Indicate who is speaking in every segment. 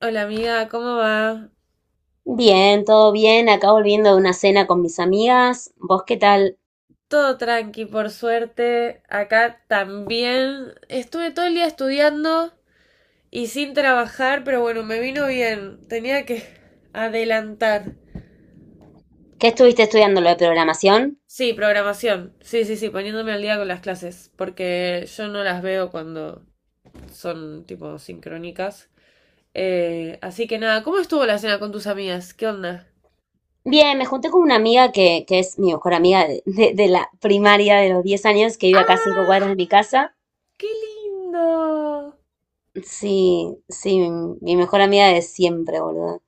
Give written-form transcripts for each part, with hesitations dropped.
Speaker 1: Hola amiga, ¿cómo va?
Speaker 2: Bien, todo bien. Acá volviendo de una cena con mis amigas. ¿Vos qué tal?
Speaker 1: Todo tranqui, por suerte. Acá también. Estuve todo el día estudiando y sin trabajar, pero bueno, me vino bien. Tenía que adelantar.
Speaker 2: ¿Qué estuviste estudiando lo de programación?
Speaker 1: Sí, programación. Sí, sí, sí, poniéndome al día con las clases, porque yo no las veo cuando son tipo sincrónicas. Así que nada, ¿cómo estuvo la cena con tus amigas? ¿Qué onda?
Speaker 2: Bien, me junté con una amiga que es mi mejor amiga de la primaria de los 10 años, que vive acá a cinco
Speaker 1: ¡Ay,
Speaker 2: cuadras de mi casa.
Speaker 1: qué lindo!
Speaker 2: Sí, sí, mi mejor amiga de siempre, boludo.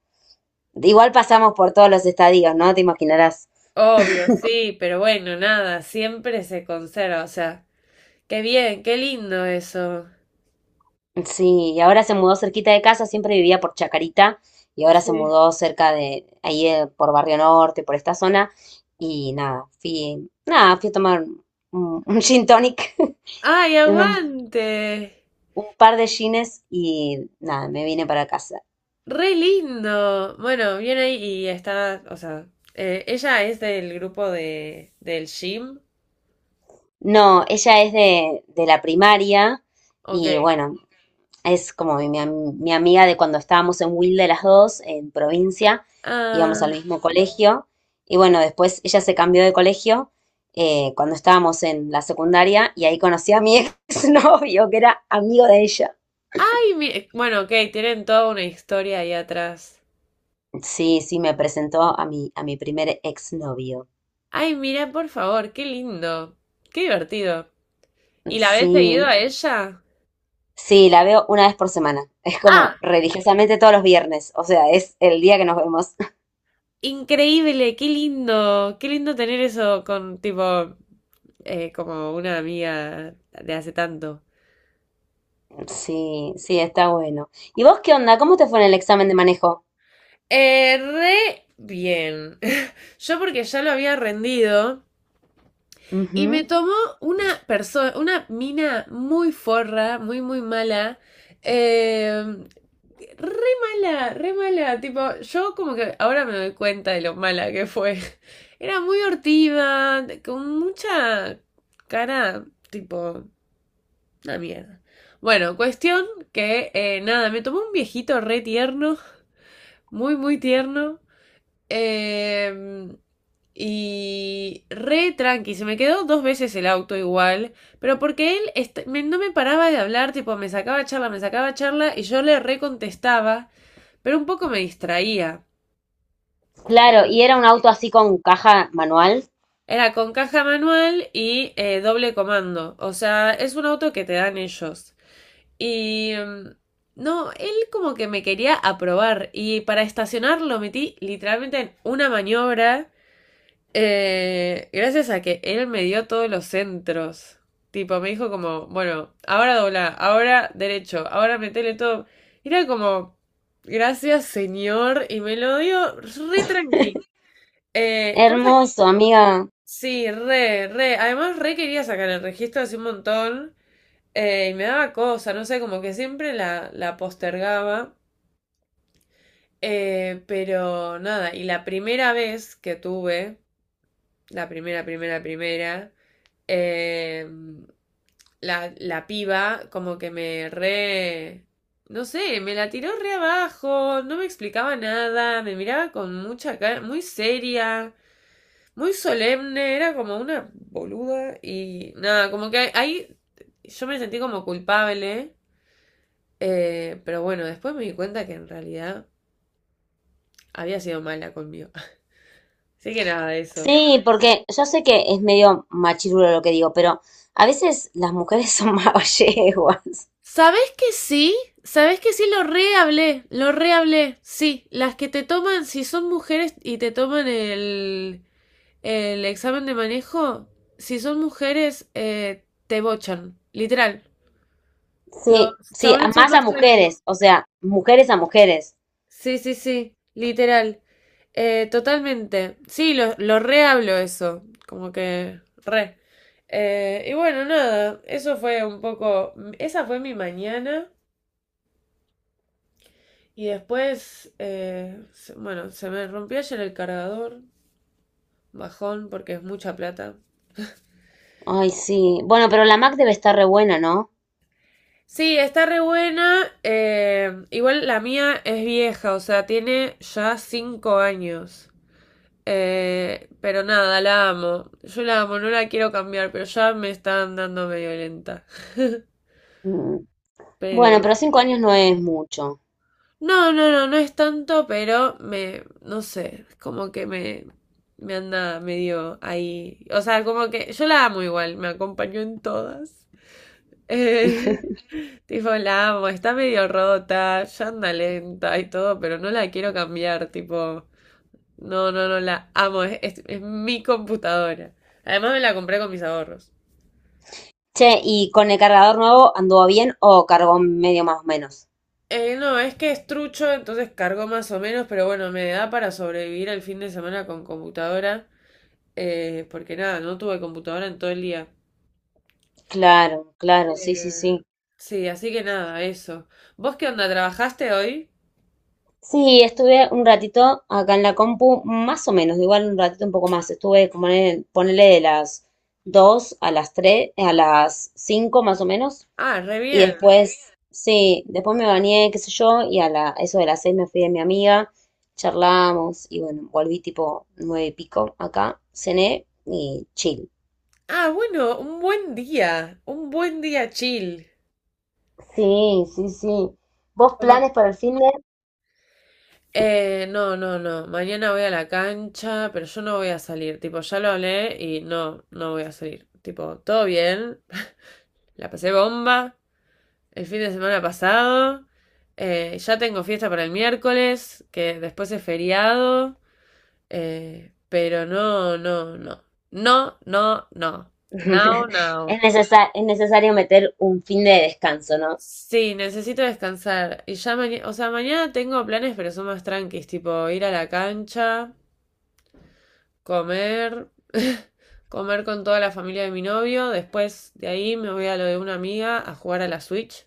Speaker 2: Igual pasamos por todos los estadios, ¿no? Te imaginarás.
Speaker 1: Obvio, sí, pero bueno, nada, siempre se conserva, o sea, qué bien, qué lindo eso.
Speaker 2: Sí, y ahora se mudó cerquita de casa, siempre vivía por Chacarita y ahora se
Speaker 1: Sí.
Speaker 2: mudó cerca de ahí, por Barrio Norte, por esta zona y nada, fui, nada, fui a tomar un, un gin tonic,
Speaker 1: ¡Ay,
Speaker 2: y un,
Speaker 1: aguante!
Speaker 2: un par de gines y nada, me vine para casa.
Speaker 1: ¡Re lindo! Bueno, viene ahí y está, o sea, ella es del grupo del gym,
Speaker 2: No, ella es de la primaria
Speaker 1: ok.
Speaker 2: y bueno, es como mi amiga de cuando estábamos en Wilde las dos, en provincia, íbamos al
Speaker 1: Ah,
Speaker 2: mismo colegio. Y bueno, después ella se cambió de colegio, cuando estábamos en la secundaria y ahí conocí a mi exnovio, que era amigo de ella.
Speaker 1: ay, bueno, ok, tienen toda una historia ahí atrás.
Speaker 2: Sí, sí, me presentó a mi primer exnovio.
Speaker 1: Ay, mira, por favor, qué lindo, qué divertido. ¿Y la habéis seguido
Speaker 2: Sí,
Speaker 1: a ella?
Speaker 2: sí, la veo una vez por semana. Es como
Speaker 1: Ah.
Speaker 2: religiosamente todos los viernes. O sea, es el día que nos vemos.
Speaker 1: Increíble, qué lindo tener eso con tipo como una amiga de hace tanto.
Speaker 2: Sí, sí, está bueno. ¿Y vos qué onda? ¿Cómo te fue en el examen de manejo?
Speaker 1: Re bien. Yo porque ya lo había rendido y me
Speaker 2: Ujú.
Speaker 1: tomó una persona, una mina muy forra, muy mala. eh, re mala, re mala. Tipo, yo como que ahora me doy cuenta de lo mala que fue. Era muy hortiva, con mucha cara, tipo, una mierda. Bueno, cuestión que nada, me tomó un viejito re tierno, muy, muy tierno. eh, y re tranqui, se me quedó dos veces el auto igual, pero porque él no me paraba de hablar, tipo, me sacaba charla y yo le recontestaba, pero un poco me distraía.
Speaker 2: Claro,
Speaker 1: Eh,
Speaker 2: y era un auto así con caja manual.
Speaker 1: Era con caja manual y doble comando, o sea, es un auto que te dan ellos. Y no, él como que me quería aprobar y para estacionar lo metí literalmente en una maniobra, gracias a que él me dio todos los centros. Tipo, me dijo como, bueno, ahora dobla, ahora derecho, ahora metele todo. Era como, gracias señor, y me lo dio re tranqui. Eh, cosa,
Speaker 2: Hermoso, amiga.
Speaker 1: sí, re, re. Además, re quería sacar el registro hace un montón. Y me daba cosa, no sé, como que siempre la postergaba. Pero nada, y la primera vez que tuve, la eh, la piba como que me re... No sé, me la tiró re abajo, no me explicaba nada, me miraba con mucha cara, muy seria, muy solemne, era como una boluda y nada, como que ahí yo me sentí como culpable. Pero bueno, después me di cuenta que en realidad había sido mala conmigo. Así que nada de eso.
Speaker 2: Sí, porque yo sé que es medio machirulo lo que digo, pero a veces las mujeres son más yeguas.
Speaker 1: ¿Sabés que sí? ¿Sabés que sí? Lo rehablé, lo rehablé. Sí, las que te toman, si son mujeres y te toman el examen de manejo, si son mujeres, te bochan, literal. Los
Speaker 2: Sí, sí, a-
Speaker 1: chabones son
Speaker 2: más a
Speaker 1: más tranquilos.
Speaker 2: mujeres, o sea, mujeres a mujeres.
Speaker 1: Sí, sí, sí, literal. Totalmente. Sí, lo re hablo eso. Como que re. Y bueno, nada, eso fue un poco. Esa fue mi mañana. Y después, bueno, se me rompió ayer el cargador. Bajón, porque es mucha plata.
Speaker 2: Ay, sí. Bueno, pero la Mac debe estar re buena, ¿no?
Speaker 1: Sí, está re buena. Igual la mía es vieja, o sea, tiene ya 5 años. Pero nada, la amo. Yo la amo, no la quiero cambiar, pero ya me está dando medio lenta.
Speaker 2: Mm. Bueno,
Speaker 1: Pero...
Speaker 2: pero 5 años no es mucho.
Speaker 1: No, no, no, no es tanto, pero me... No sé, es como que me... Me anda medio ahí. O sea, como que yo la amo igual, me acompañó en todas. Eh, tipo, la amo, está medio rota, ya anda lenta y todo, pero no la quiero cambiar, tipo... No, no, no, la amo, es mi computadora. Además me la compré con mis ahorros.
Speaker 2: Che, ¿y con el cargador nuevo anduvo bien o cargó medio más o menos?
Speaker 1: No, es que es trucho, entonces cargó más o menos, pero bueno, me da para sobrevivir el fin de semana con computadora, porque nada, no tuve computadora en todo el día.
Speaker 2: Claro, claro, sí,
Speaker 1: Eh,
Speaker 2: sí, sí.
Speaker 1: sí, así que nada, eso. ¿Vos qué onda? ¿Trabajaste hoy?
Speaker 2: Sí, estuve un ratito acá en la compu, más o menos, igual un ratito un poco más. Estuve como ponele de las 2 a las 3, a las 5 más o menos.
Speaker 1: Ah, re
Speaker 2: Y
Speaker 1: bien.
Speaker 2: después, sí, después me bañé, qué sé yo, y a la, eso de las 6 me fui de mi amiga, charlamos y bueno, volví tipo 9 y pico acá, cené y chill.
Speaker 1: Ah, bueno, un buen día chill.
Speaker 2: Sí, sí, sí. ¿Vos
Speaker 1: Como-
Speaker 2: planes para el fin de?
Speaker 1: No, no, no, mañana voy a la cancha, pero yo no voy a salir, tipo, ya lo hablé y no, no voy a salir. Tipo, todo bien, la pasé bomba el fin de semana pasado. Ya tengo fiesta para el miércoles, que después es feriado. Pero no, no, no. No, no, no. Now, now.
Speaker 2: Es necesario meter un fin de descanso, ¿no?
Speaker 1: Sí, necesito descansar. Y ya mañana, o sea, mañana tengo planes, pero son más tranquis, tipo ir a la cancha, comer, comer con toda la familia de mi novio. Después de ahí me voy a lo de una amiga a jugar a la Switch.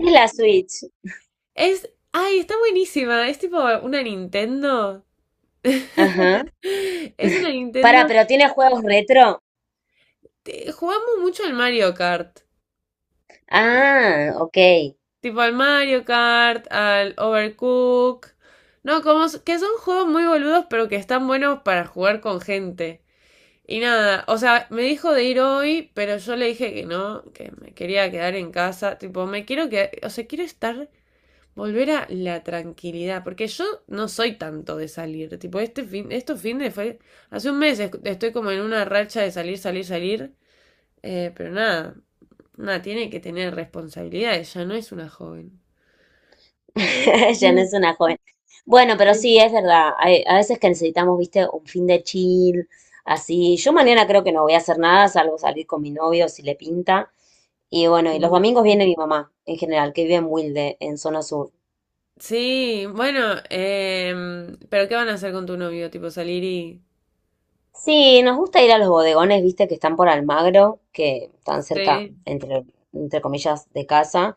Speaker 2: Es la Switch.
Speaker 1: Es, ay, está buenísima. Es tipo una Nintendo.
Speaker 2: Ajá.
Speaker 1: Es una
Speaker 2: Para,
Speaker 1: Nintendo.
Speaker 2: pero tiene juegos retro.
Speaker 1: Jugamos mucho al Mario Kart.
Speaker 2: Ah, ok.
Speaker 1: Tipo al Mario Kart, al Overcook. No, como que son juegos muy boludos, pero que están buenos para jugar con gente. Y nada, o sea, me dijo de ir hoy, pero yo le dije que no, que me quería quedar en casa. Tipo, me quiero quedar, o sea, quiero estar, volver a la tranquilidad, porque yo no soy tanto de salir. Tipo, este fin, estos fines fue, hace un mes estoy como en una racha de salir, salir, salir. Pero nada, nada, tiene que tener responsabilidades, ya no es una joven.
Speaker 2: Ya no es una joven. Bueno, pero sí,
Speaker 1: Sí,
Speaker 2: es verdad. A veces que necesitamos, viste, un fin de chill, así. Yo mañana creo que no voy a hacer nada, salvo salir con mi novio si le pinta. Y bueno, y los domingos viene mi mamá, en general, que vive en Wilde, en zona sur.
Speaker 1: sí, bueno, pero ¿qué van a hacer con tu novio? Tipo salir y...
Speaker 2: Sí, nos gusta ir a los bodegones, viste, que están por Almagro, que están cerca,
Speaker 1: Sí.
Speaker 2: entre, entre comillas, de casa.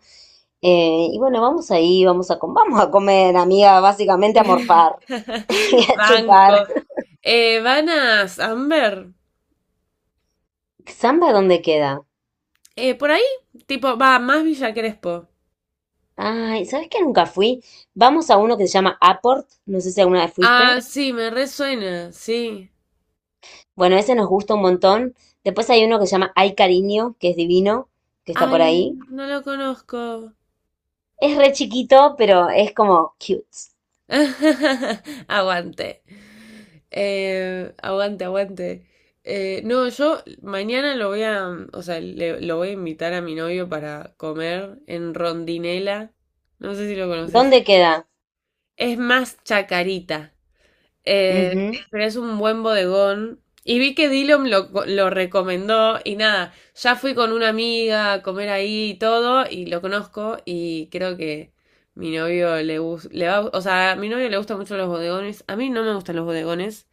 Speaker 2: Y bueno, vamos ahí, vamos a comer, amiga, básicamente a morfar y a
Speaker 1: Banco.
Speaker 2: chupar.
Speaker 1: Van a Amber.
Speaker 2: ¿Samba dónde queda?
Speaker 1: Por ahí, tipo, va, más Villa Crespo.
Speaker 2: Ay, ¿sabes que nunca fui? Vamos a uno que se llama Aport, no sé si alguna vez
Speaker 1: Ah,
Speaker 2: fuiste.
Speaker 1: sí, me resuena, sí.
Speaker 2: Bueno, ese nos gusta un montón. Después hay uno que se llama Ay Cariño, que es divino, que está por
Speaker 1: Ay,
Speaker 2: ahí.
Speaker 1: no lo conozco.
Speaker 2: Es re chiquito, pero es como cute.
Speaker 1: Aguante. Aguante, aguante. No, yo mañana lo voy a, o sea, lo voy a invitar a mi novio para comer en Rondinela. No sé si lo conoces.
Speaker 2: ¿Dónde queda?
Speaker 1: Es más chacarita.
Speaker 2: Ujú.
Speaker 1: Pero es un buen bodegón. Y vi que Dillom lo recomendó y nada, ya fui con una amiga a comer ahí y todo y lo conozco y creo que mi novio le gusta, le va, o sea, a mi novio le gustan mucho los bodegones, a mí no me gustan los bodegones,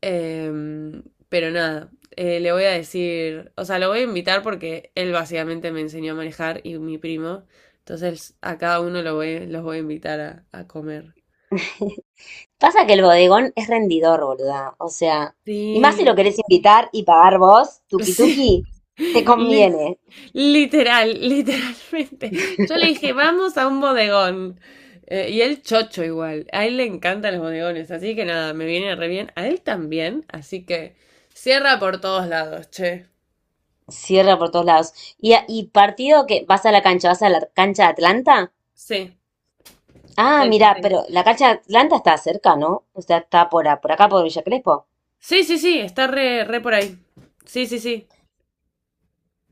Speaker 1: em, pero nada, le voy a decir, o sea, lo voy a invitar porque él básicamente me enseñó a manejar y mi primo, entonces a cada uno lo voy, los voy a invitar a comer.
Speaker 2: Pasa que el bodegón es rendidor, boluda. O sea, y más
Speaker 1: Sí,
Speaker 2: si lo querés invitar y pagar vos, tuki
Speaker 1: sí,
Speaker 2: tuki, te
Speaker 1: li-
Speaker 2: conviene.
Speaker 1: literal, literalmente. Yo le dije, vamos a un bodegón. Y él chocho igual. A él le encantan los bodegones, así que nada, me viene re bien. A él también, así que cierra por todos lados, che.
Speaker 2: Cierra por todos lados. Y, a- y partido que vas a la cancha, vas a la cancha de Atlanta.
Speaker 1: Sí,
Speaker 2: Ah,
Speaker 1: sí, sí,
Speaker 2: mira,
Speaker 1: sí.
Speaker 2: pero la cancha de Atlanta está cerca, ¿no? O sea, está por acá, por Villa Crespo.
Speaker 1: Sí, sí, sí, está re, re por ahí. Sí, sí, sí.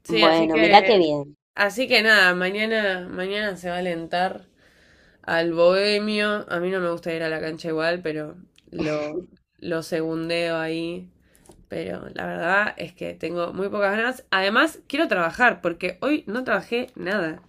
Speaker 1: Sí,
Speaker 2: Bueno, mira qué bien.
Speaker 1: así que nada, mañana, mañana se va a alentar. Al Bohemio, a mí no me gusta ir a la cancha igual, pero lo, lo segundeo ahí. Pero la verdad es que tengo muy pocas ganas. Además, quiero trabajar, porque hoy no trabajé nada.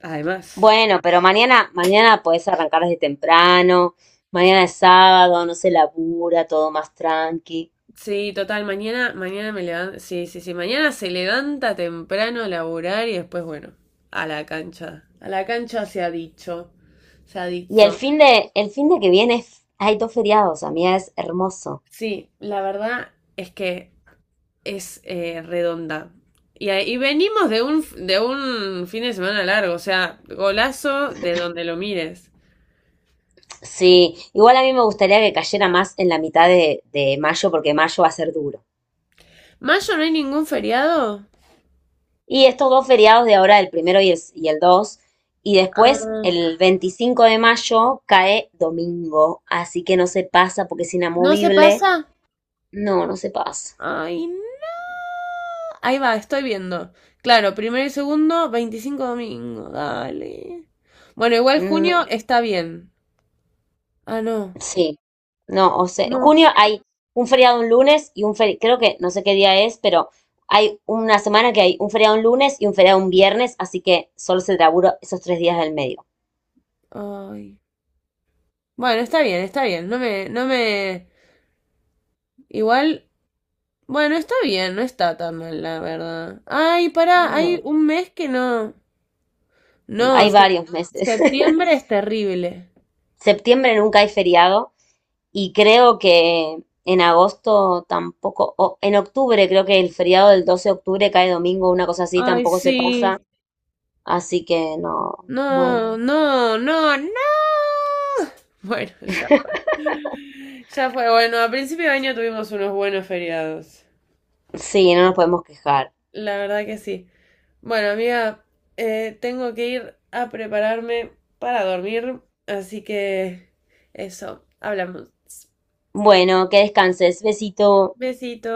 Speaker 1: Además.
Speaker 2: Bueno, pero mañana, mañana podés arrancar desde temprano. Mañana es sábado, no se labura, todo más tranqui.
Speaker 1: Sí, total, mañana, mañana me levanto. Sí, sí, sí. Mañana se levanta temprano a laburar y después, bueno, a la cancha. A la cancha se ha dicho. Se ha
Speaker 2: Y el
Speaker 1: dicho.
Speaker 2: fin de, el fin de que viene es- hay dos feriados, amiga, es hermoso.
Speaker 1: Sí, la verdad es que es redonda. Y venimos de un, fin de semana largo, o sea, golazo de donde lo mires.
Speaker 2: Sí, igual a mí me gustaría que cayera más en la mitad de mayo, porque mayo va a ser duro.
Speaker 1: ¿Mayo no hay ningún feriado?
Speaker 2: Y estos dos feriados de ahora, el primero y el dos, y después
Speaker 1: Ah,
Speaker 2: el 25 de mayo cae domingo, así que no se pasa porque es
Speaker 1: ¿no se
Speaker 2: inamovible.
Speaker 1: pasa?
Speaker 2: No, no se pasa.
Speaker 1: Ay, no. Ahí va, estoy viendo. Claro, primero y segundo, 25 domingo, dale. Bueno, igual
Speaker 2: Mm,
Speaker 1: junio está bien. Ah, no.
Speaker 2: sí, no, o sea,
Speaker 1: No.
Speaker 2: junio hay un feriado un lunes y un feriado, creo que no sé qué día es, pero hay una semana que hay un feriado un lunes y un feriado un viernes, así que solo se labura esos 3 días del medio.
Speaker 1: Ay. Bueno, está bien, está bien. No me, no me. Igual bueno, está bien, no está tan mal, la verdad. Ay, pará, hay
Speaker 2: No,
Speaker 1: un mes que no. No,
Speaker 2: hay varios meses.
Speaker 1: septiembre es terrible.
Speaker 2: Septiembre nunca hay feriado. Y creo que en agosto tampoco, o en octubre, creo que el feriado del 12 de octubre cae domingo, una cosa así,
Speaker 1: Ay,
Speaker 2: tampoco se pasa.
Speaker 1: sí.
Speaker 2: Así que no, bueno,
Speaker 1: No, no, no, no. Bueno, ya. Ya fue. Bueno, a principio de año tuvimos unos buenos feriados.
Speaker 2: sí, no nos podemos quejar.
Speaker 1: La verdad que sí. Bueno, amiga, tengo que ir a prepararme para dormir. Así que eso, hablamos.
Speaker 2: Bueno, que descanses. Besito.
Speaker 1: Besito.